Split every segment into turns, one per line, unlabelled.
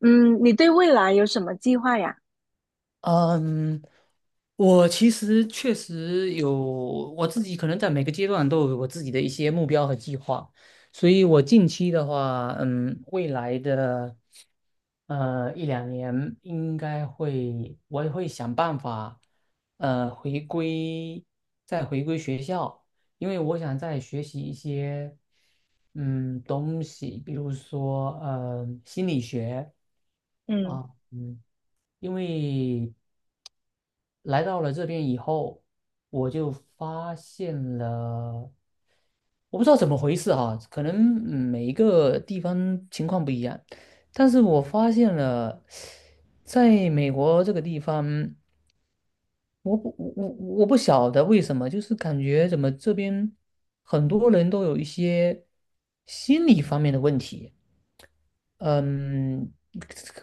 嗯，你对未来有什么计划呀？
嗯，我其实确实有我自己，可能在每个阶段都有我自己的一些目标和计划，所以我近期的话，未来的一两年应该会，我也会想办法，回归，再回归学校，因为我想再学习一些东西，比如说心理学
嗯
啊，嗯，因为。来到了这边以后，我就发现了，我不知道怎么回事哈、可能每一个地方情况不一样，但是我发现了，在美国这个地方，我不我我我不晓得为什么，就是感觉怎么这边很多人都有一些心理方面的问题，嗯，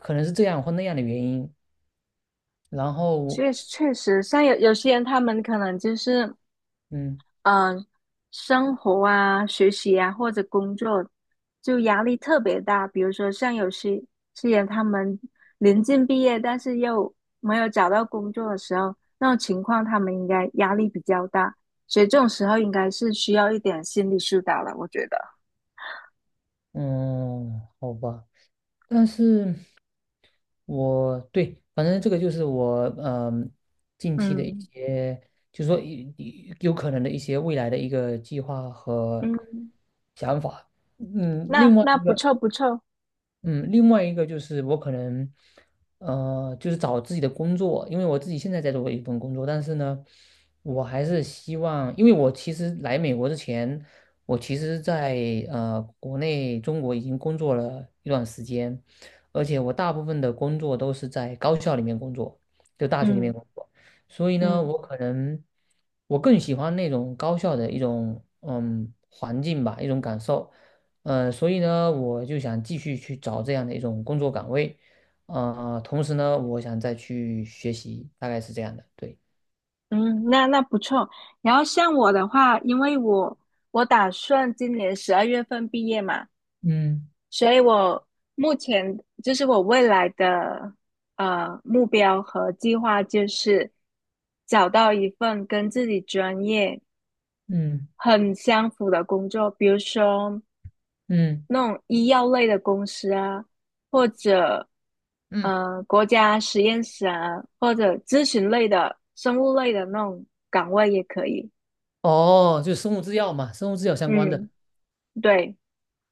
可能是这样或那样的原因，然后
确确实，像有些人，他们可能就是，
嗯
嗯、呃生活啊、学习啊或者工作，就压力特别大。比如说，像有些人，他们临近毕业，但是又没有找到工作的时候，那种情况，他们应该压力比较大，所以这种时候应该是需要一点心理疏导了，我觉得。
嗯，好吧。但是，我对，反正这个就是我近期的一
嗯
些，就是说有可能的一些未来的一个计划和
嗯，
想法。
那
另外
那
一
不
个。
错不错。
嗯，另外一个就是我可能，就是找自己的工作，因为我自己现在在做一份工作，但是呢，我还是希望，因为我其实来美国之前，我其实在国内中国已经工作了一段时间，而且我大部分的工作都是在高校里面工作，就大学里面
嗯
工作，所以呢，我
嗯，
可能我更喜欢那种高校的一种环境吧，一种感受。所以呢，我就想继续去找这样的一种工作岗位，啊，同时呢，我想再去学习，大概是这样的，对，
嗯，那那不错。然后像我的话，因为我打算今年十二月份毕业嘛，
嗯
所以我目前就是我未来的目标和计划就是找到一份跟自己专业
嗯
很相符的工作，比如说
嗯
那种医药类的公司啊，或者
嗯，
国家实验室啊，或者咨询类的、生物类的那种岗位也可以。
哦，就生物制药嘛，生物制药相关的，
嗯。对，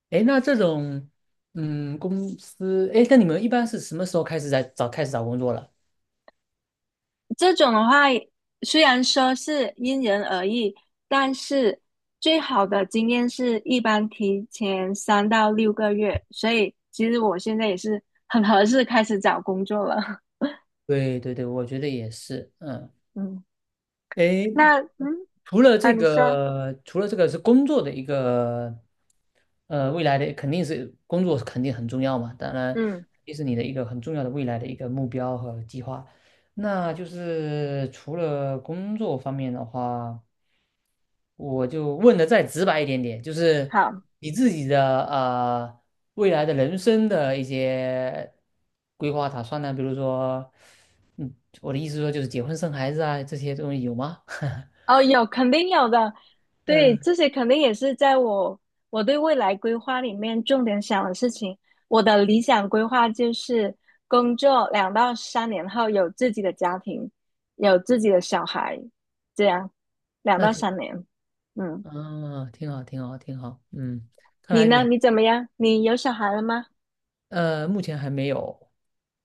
哎，那这种，公司，哎，那你们一般是什么时候开始找工作了？
这种的话，虽然说是因人而异，但是最好的经验是一般提前三到六个月。所以其实我现在也是很合适开始找工作了。
对对对，我觉得也是，嗯。
嗯，
诶，
那啊，你说，
除了这个是工作的一个，未来的肯定是工作肯定很重要嘛，当然
嗯，
也是你的一个很重要的未来的一个目标和计划。那就是除了工作方面的话，我就问的再直白一点点，就是
好。
你自己的未来的人生的一些规划打算呢，比如说，嗯，我的意思说就是结婚生孩子啊这些东西有吗？
哦，有，肯定有的。对，
嗯，
这些肯定也是在我对未来规划里面重点想的事情。我的理想规划就是工作两到三年后有自己的家庭，有自己的小孩，这样两
那
到
挺
三年。嗯，
挺好，挺好，挺好。嗯，看
你
来你
呢？
还
你怎么样？你有小孩了吗？
目前还没有，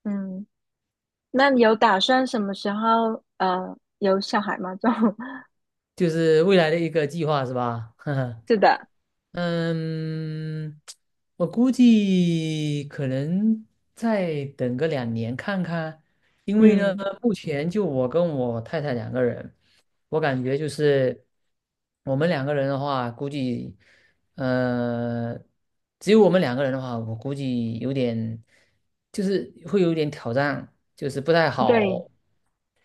嗯，那你有打算什么时候有小孩吗？这种
就是未来的一个计划是吧？呵呵。
是的，
嗯，我估计可能再等个两年看看，因为呢，
嗯，
目前就我跟我太太两个人，我感觉就是我们两个人的话，估计呃，只有我们两个人的话，我估计就是会有点挑战，就是不太
对，
好，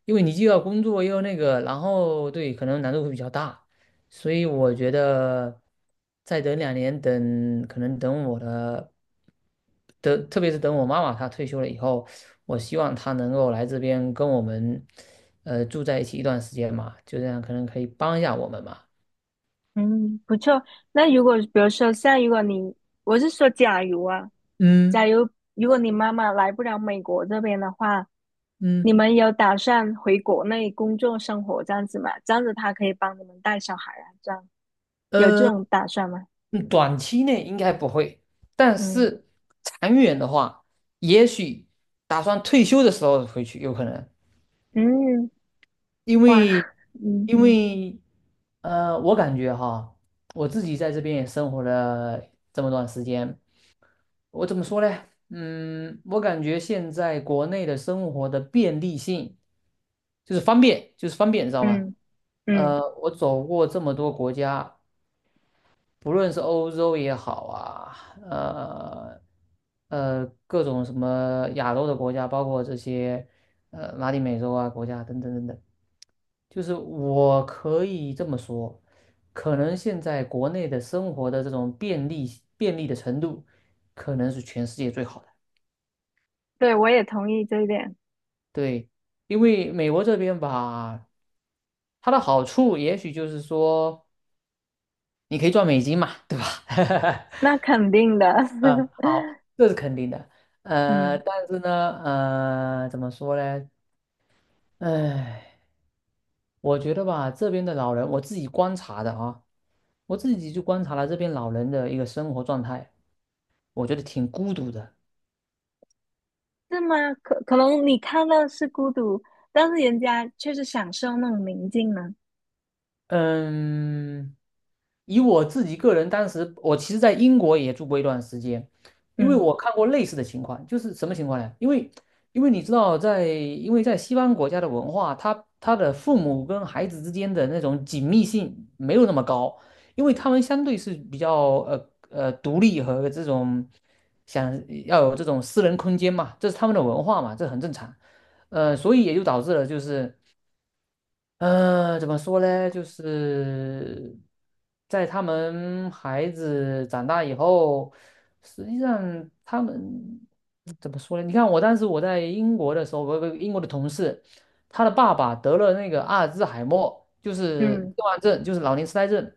因为你既要工作又要那个，然后对，可能难度会比较大。所以我觉得再等两年，等特别是等我妈妈她退休了以后，我希望她能够来这边跟我们，住在一起一段时间嘛，就这样可能可以帮一下我们嘛。
嗯，不错。那如果比如说像如果你，我是说假如啊，假
嗯
如如果你妈妈来不了美国这边的话，你
嗯
们有打算回国内工作生活这样子吗？这样子她可以帮你们带小孩啊，这样有这
呃，
种打算吗？
嗯短期内应该不会，但
嗯
是长远的话，也许打算退休的时候回去有可能。
嗯，
因
哇，
为
嗯
因为我感觉哈，我自己在这边也生活了这么段时间，我怎么说呢？嗯，我感觉现在国内的生活的便利性就是方便，就是方便，你知道吧？
嗯嗯，
我走过这么多国家，不论是欧洲也好啊，呃各种什么亚洲的国家，包括这些拉丁美洲啊国家等等等等。就是我可以这么说，可能现在国内的生活的这种便利的程度，可能是全世界最好的。
对，我也同意这一点，
对，因为美国这边吧，它的好处也许就是说，你可以赚美金嘛，对吧？
那肯定的，
嗯，好，这是肯定的。
嗯。
但是呢，怎么说呢？哎，我觉得吧，这边的老人，我自己观察的啊，我自己就观察了这边老人的一个生活状态，我觉得挺孤独的。
是吗？可能你看到是孤独，但是人家却是享受那种宁静呢。
嗯，以我自己个人，当时我其实在英国也住过一段时间，因为
嗯
我看过类似的情况，就是什么情况呢？因为你知道在，因为在西方国家的文化，他的父母跟孩子之间的那种紧密性没有那么高，因为他们相对是比较独立和这种想要有这种私人空间嘛，这是他们的文化嘛，这很正常。所以也就导致了就是。怎么说呢？就是在他们孩子长大以后，实际上他们怎么说呢？你看，我当时我在英国的时候，我有个英国的同事，他的爸爸得了那个阿尔兹海默，就是痴
嗯，
呆症，就是老年痴呆症。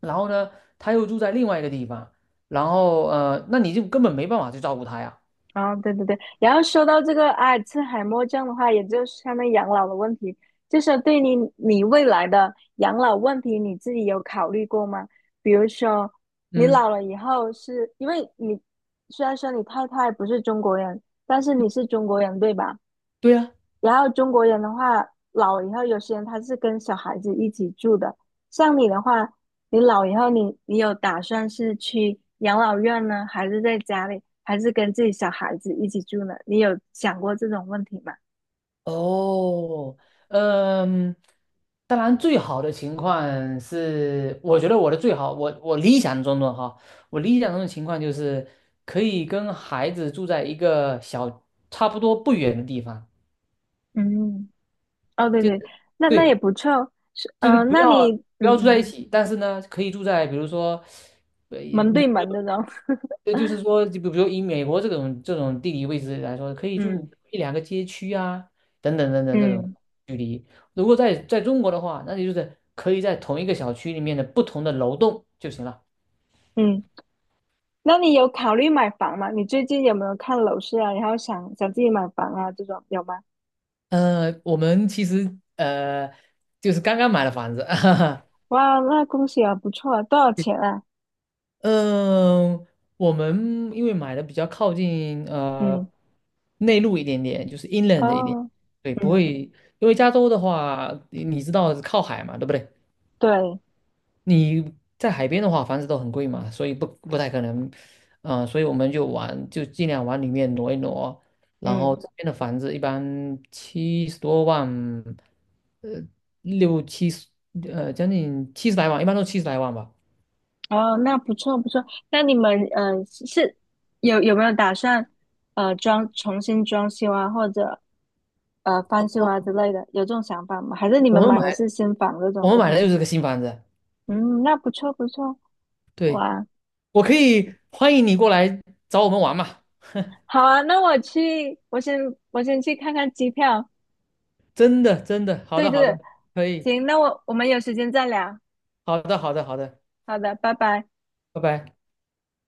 然后呢，他又住在另外一个地方，然后那你就根本没办法去照顾他呀。
哦，对对对。然后说到这个阿尔茨海默症的话，也就是相当于养老的问题，就是对你未来的养老问题，你自己有考虑过吗？比如说，你
嗯，
老了以后是，因为你虽然说你太太不是中国人，但是你是中国人，对吧？
对呀、
然后中国人的话，老了以后，有些人他是跟小孩子一起住的。像你的话，你老以后你，你有打算是去养老院呢，还是在家里，还是跟自己小孩子一起住呢？你有想过这种问题吗？
哦，嗯，当然最好的情况是，我觉得我的最好，我理想中的哈，我理想中的情况就是可以跟孩子住在一个差不多不远的地方，
嗯，哦，对
就
对，
是
那那也
对，
不错。是，
就是
嗯、那你，
不要住
嗯
在一
嗯，
起，但是呢，可以住在比如说，呃，
门
你
对
比如
门的呢？
就是说，就比如以美国这种地理位置来说，可以
嗯
住一两个街区啊，等等等等这种。
嗯
如果在中国的话，那你就是可以在同一个小区里面的不同的楼栋就行了。
嗯。那你有考虑买房吗？你最近有没有看楼市啊？然后想想自己买房啊，这种有吗？
我们其实就是刚刚买了房子，
哇，那恭喜啊，不错啊，多少钱啊？
嗯、我们因为买的比较靠近
嗯，
内陆一点点，就是 inland 一点，
哦，
对，不
嗯，
会，因为加州的话，你知道靠海嘛，对不对？
对，
你在海边的话，房子都很贵嘛，所以不太可能，所以我们就尽量往里面挪一挪。然后
嗯，
这边的房子一般70多万，呃，六七十，将近七十来万，一般都七十来万吧。
哦，那不错不错。那你们是有没有打算重新装修啊，或者翻修啊
哦，
之类的？有这种想法吗？还是你们
我们
买的
买，
是新房这
我
种？
们买的又是个新房子。
嗯，那不错不错，
对，
哇，
我可以欢迎你过来找我们玩嘛，
好啊，那我去，我先去看看机票，
真的真的，好
对
的
对
好的，
对，
可以，
行，那我们有时间再聊。
好的好的好的，
好的，拜拜。
拜拜。